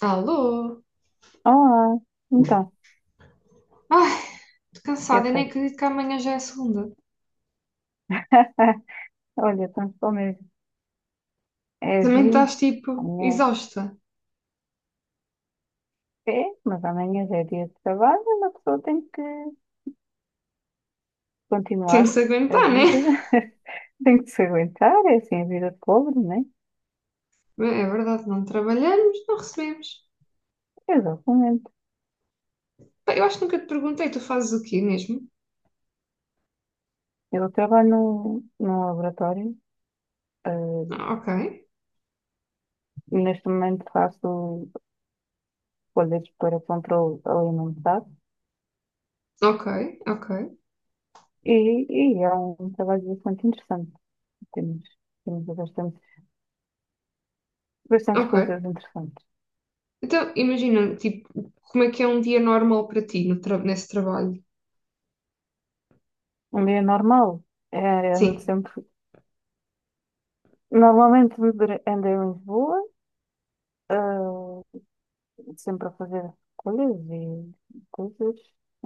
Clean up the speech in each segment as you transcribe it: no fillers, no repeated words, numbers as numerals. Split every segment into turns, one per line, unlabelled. Alô?
Olá, então,
Ai, tô cansada e nem
perfeito.
acredito que amanhã já é segunda.
Olha, tanto bom mesmo. É a
Também
vida,
estás tipo
amanhã
exausta.
é, mas amanhã já é dia de trabalho, uma pessoa tem que
Tem que
continuar
se
a
aguentar, né?
vida. Tem que se aguentar, é assim a vida de pobre, né?
Bem, é verdade, não trabalhamos, não recebemos.
Exatamente.
Pá, eu acho que nunca te perguntei, tu fazes o quê mesmo?
Eu trabalho num laboratório, eh,
Ah, ok,
neste momento faço folhas para controle alimentar
ok, ok,
e, e é um trabalho bastante interessante. Temos, temos bastantes
ok.
coisas interessantes.
Então, imagina, tipo, como é que é um dia normal para ti no tra- nesse trabalho?
Um dia normal. É, ando
Sim.
sempre... Normalmente ando em Lisboa, ah, sempre a fazer coisas e coisas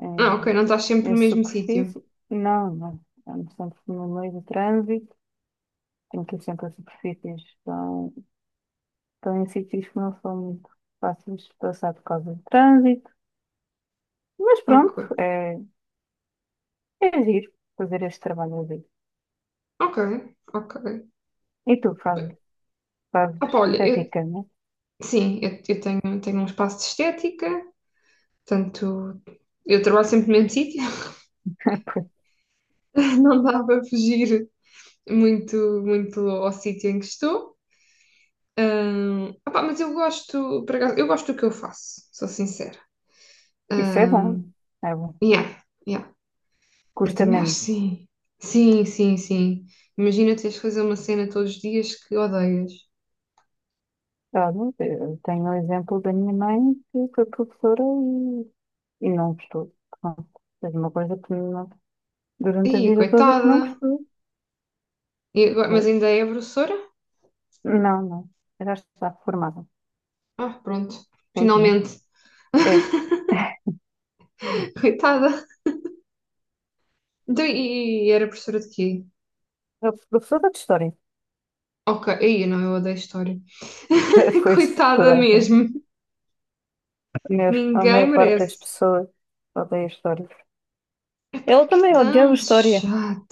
em,
Ah, ok, não estás sempre
em
no mesmo sítio.
superfície. Não, não. Ando sempre no meio do trânsito. Tenho que ir sempre a superfícies. Estão, estão em sítios que não são muito fáceis de passar por causa do trânsito. Mas pronto,
Ok,
é, é giro fazer este trabalho ali.
ok, ok.
E tu fazes
Ah, pá, olha,
estética, né?
sim, eu tenho, tenho um espaço de estética. Portanto, eu trabalho sempre no mesmo sítio,
Pois,
não dá para fugir muito, muito ao sítio em que estou. Opá, mas eu gosto, por acaso, eu gosto do que eu faço, sou sincera.
isso é
Ahm,
bom. É bom.
yeah, yeah, eu
Custa
também acho.
menos.
Sim. Sim, sim, sim. Imagina teres que fazer uma cena todos os dias que odeias.
Olha, eu tenho o exemplo da minha mãe que foi professora e não gostou. Pronto, fez uma coisa que não- durante a
Ih,
vida toda que
coitada.
não gostou.
E agora, mas
Pois.
ainda é professora?
Não, não. Já está formada,
Ah, pronto.
felizmente.
Finalmente.
É,
Coitada. Então, e era professora de quê?
eu fui professora de História.
Ok, aí não, eu odeio a história.
Foi isso,
Coitada
portanto,
mesmo.
a
Ninguém
maior parte das
merece.
pessoas odeia História.
Epá,
Ela
que
também odiava
tão
História.
chato.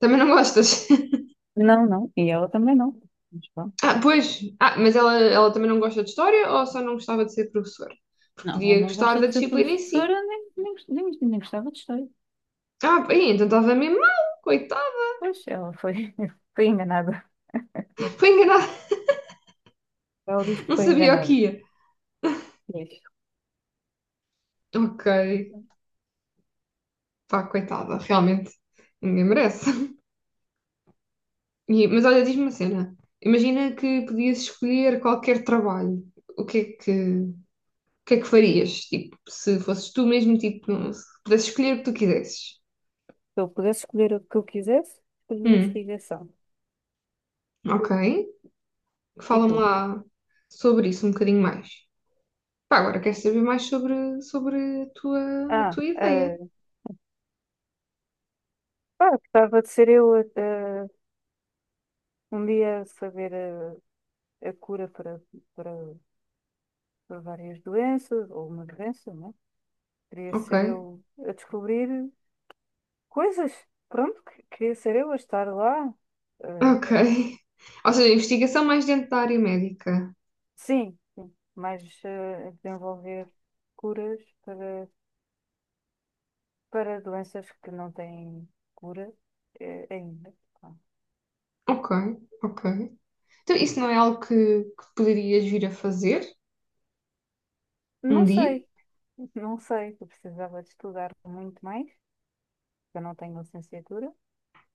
Também não gostas?
Não, não. E ela também não. Mas pronto.
Ah, pois. Ah, mas ela também não gosta de história ou só não gostava de ser professora? Porque
Não, ela
podia
não
gostar
gosta
da
de ser
disciplina em si.
professora, nem gostava de História.
Ah, aí, então estava mesmo mal, coitada.
Pois, ela foi, foi enganada.
Foi enganada,
Ela diz que
não
foi
sabia o
enganada.
que ia.
Diz.
Ok,
Se
pá, coitada, realmente. Ninguém merece. Mas olha, diz-me uma cena. Imagina que podias escolher qualquer trabalho. O que é que. O que é que farias? Tipo, se fosses tu mesmo, tipo, se pudesses escolher o que tu quisesses.
eu pudesse escolher o que eu quisesse, escolhi
Hum,
investigação.
ok.
E
Fala-me
tu?
lá sobre isso um bocadinho mais. Pá, agora quero saber mais sobre, sobre a
Ah,
tua ideia.
ah, pá, gostava de ser eu um dia a saber a cura para, para várias doenças, ou uma doença, não é? Queria
Ok,
ser eu a descobrir coisas. Pronto, queria ser eu a estar lá. ah,
ok. Ou seja, investigação mais dentro da área médica.
sim, sim, mas a desenvolver curas para doenças que não têm cura, ainda. Pá.
Ok, ok. Então, isso não é algo que poderias vir a fazer um
Não
dia?
sei, não sei, eu precisava de estudar muito mais, eu não tenho licenciatura,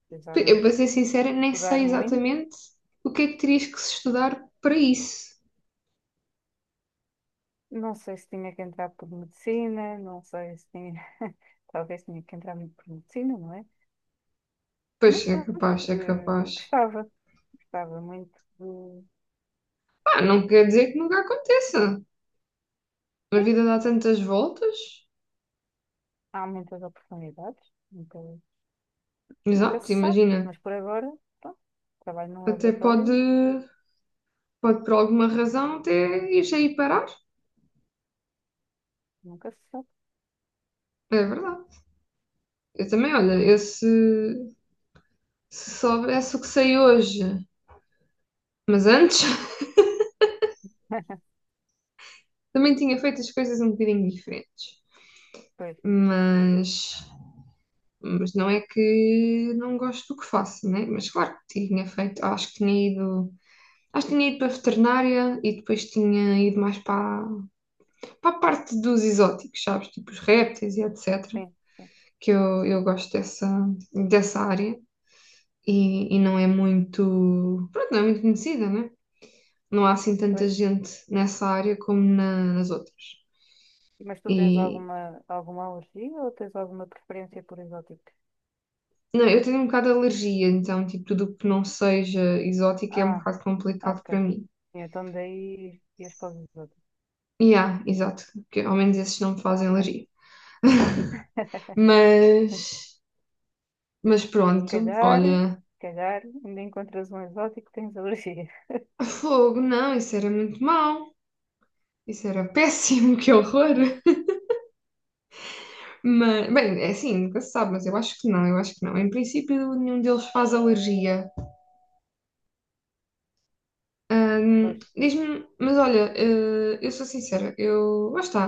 precisava
Eu,
de
para ser sincera, nem sei
estudar muito.
exatamente o que é que terias que se estudar para isso.
Não sei se tinha que entrar por medicina, não sei se tinha, talvez tinha que entrar muito por medicina, não é?
Pois
Mas
é
pronto,
capaz, é capaz.
gostava, gostava muito de.
Ah, não quer dizer que nunca aconteça. A
Sim,
vida dá tantas voltas.
há muitas oportunidades, nunca, nunca se
Exato,
sabe,
imagina.
mas por agora, pronto, trabalho num
Até pode,
laboratório,
pode por alguma razão até ir aí parar.
nunca se sabe.
É verdade. Eu também, olha, eu se, se soubesse o que sei hoje, mas antes também tinha feito as coisas um bocadinho diferentes.
Pois.
Mas, mas não é que não gosto do que faço, né? Mas claro que tinha feito, acho que tinha ido, acho que tinha ido para a veterinária e depois tinha ido mais para para a parte dos exóticos, sabes? Tipo os répteis e etc.
Sim, sim.
Eu gosto dessa, dessa área e não é muito. Pronto, não é muito conhecida, né? Não há assim tanta
Pois,
gente nessa área como nas outras.
mas tu tens
E.
alguma, alguma alergia ou tens alguma preferência por exóticos?
Não, eu tenho um bocado de alergia, então, tipo, tudo o que não seja exótico é um
Ah,
bocado complicado para
ok.
mim.
Então daí ias para os exóticos.
E há, exato, porque ao menos esses não me
Ah,
fazem
ok.
alergia. Mas, mas
Se
pronto,
calhar,
olha,
se calhar ainda encontras um exótico que tens alergia.
fogo, não, isso era muito mau. Isso era péssimo, que horror! Mas, bem, é assim, nunca se sabe, mas eu acho que não, eu acho que não. Em princípio, nenhum deles faz alergia.
Pois,
Diz-me, mas olha, eu sou sincera, eu, lá está,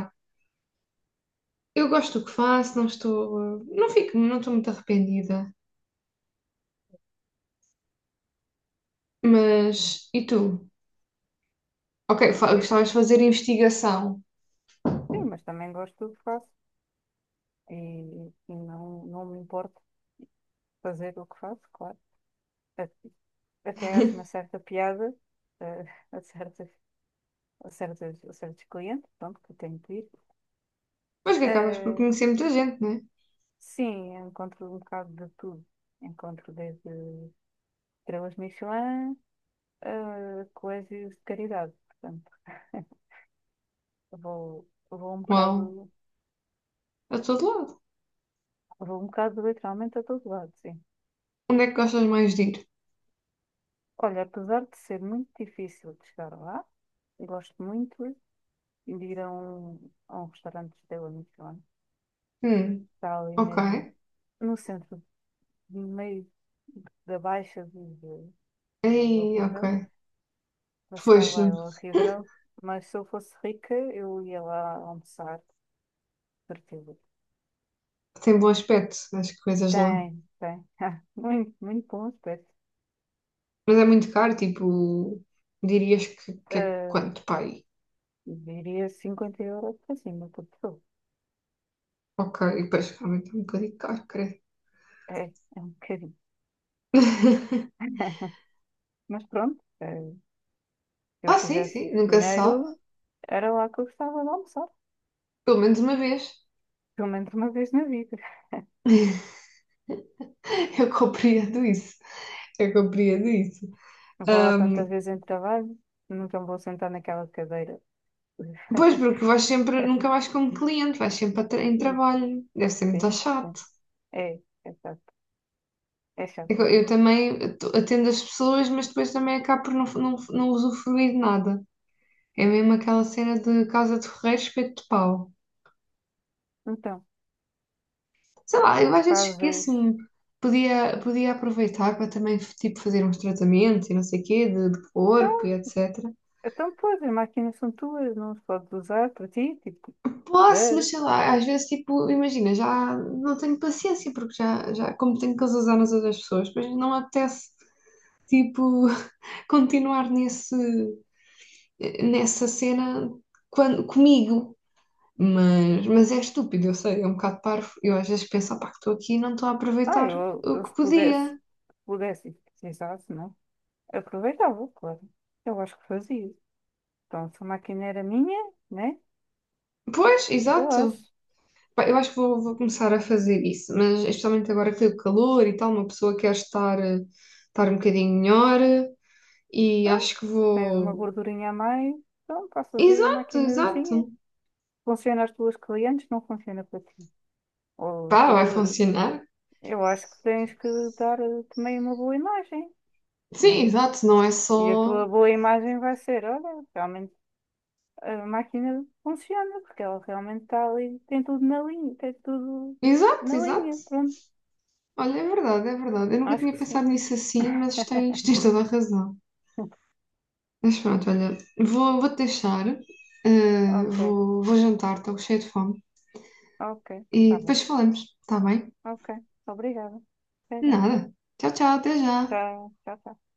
eu gosto do que faço, não estou, não fico, não estou muito arrependida. Mas, e tu? Ok,
eu-
gostavas
eu-
de fazer investigação.
sim, mas também gosto do que faço e, e não, não me importo fazer o que faço, claro. A- Até acho uma certa piada eh, a, certas, a a certos clientes, pronto, que eu tenho que ir.
Mas que acabas por
eh,
conhecer muita gente, né?
Sim, eu encontro um bocado de tudo. Encontro desde estrelas Michelin a colégios de caridade. Portanto, vou
Uau, a todo lado.
vou um bocado literalmente a todo lado, sim.
Onde é que gostas mais de ir?
Olha, apesar de ser muito difícil de chegar lá, gosto muito de ir a a um restaurante de estrela Michelin.
Hum,
Está ali
ok.
mesmo no centro, no meio da Baixa de
Aí, ok.
horrível. Para
Pois,
chegar lá é horrível. Mas se eu fosse rica, eu ia lá almoçar. Perfil.
tem bom aspecto as coisas lá.
Tem, tem. Ah, muito, muito bons preços.
Mas é muito caro, tipo, dirias que é
Ah,
quanto, pai?
diria 50 € para cima por pessoa.
Ok, e depois realmente é um bocadinho caro, creio.
É, é um bocadinho. Mas pronto, se eu
Ah, sim,
tivesse
sim, nunca se sabe.
dinheiro, era lá que eu gostava de almoçar.
Pelo menos uma vez.
Pelo menos uma vez na vida.
Eu compreendo isso. Eu compreendo isso.
Vou lá tantas
Ahm,
vezes em trabalho, nunca me vou sentar naquela cadeira.
Pois, porque vais sempre, nunca vais como cliente, vais sempre em trabalho. Deve ser muito
Sim, sim.
chato.
É, é chato. É
É que
chato.
eu também atendo as pessoas, mas depois também acabo por não, não, não usufruir de nada. É mesmo aquela cena de casa de ferreiro, espeto de pau.
Então,
Sei lá, eu às vezes
fazes.
esqueço-me. Podia, podia aproveitar para também, tipo, fazer uns tratamentos e não sei o quê, de corpo e
Então,
etc.
então, pois, as máquinas são tuas, não as podes usar para ti, tipo.
Posso, mas
Duh.
sei lá, às vezes, tipo, imagina, já não tenho paciência, porque já, já como tenho que usar nas outras pessoas, depois não me apetece, tipo, continuar nesse, nessa cena quando, comigo. Mas é estúpido, eu sei, é um bocado parvo. Eu às vezes penso, opá, que estou aqui e não estou a
Ah,
aproveitar o
eu
que
se
podia.
pudesse, e precisasse, não? Aproveitava, claro. Eu acho que fazia. Então, se a máquina era minha, né?
Pois,
Eu
exato.
acho.
Pá, eu acho que vou, vou começar a fazer isso, mas especialmente agora que tem o calor e tal, uma pessoa quer estar, estar um bocadinho melhor e
Então,
acho que
tens uma
vou.
gordurinha a mais, então passas aí a
Exato,
máquinazinha.
exato.
Funciona às tuas clientes, não funciona para ti. Ou
Pá,
se
vai
tu,
funcionar.
eu acho que tens que dar também uma boa imagem,
Sim,
né?
exato, não é
E a
só.
tua boa imagem vai ser, olha, realmente a máquina funciona, porque ela realmente está ali, tem tudo tem tudo
Exato,
na
exato.
linha, pronto.
Olha, é verdade, é verdade. Eu nunca
Acho
tinha
que sim.
pensado nisso assim, mas tens, tens toda a razão. Mas pronto, olha, vou, vou-te deixar,
Ok,
vou, vou jantar, estou cheia de fome.
ok,
E
tá bom.
depois falamos, está bem?
Ok, obrigada. Até já.
Nada. Tchau, tchau, até já.
Tchau, tchau, tchau.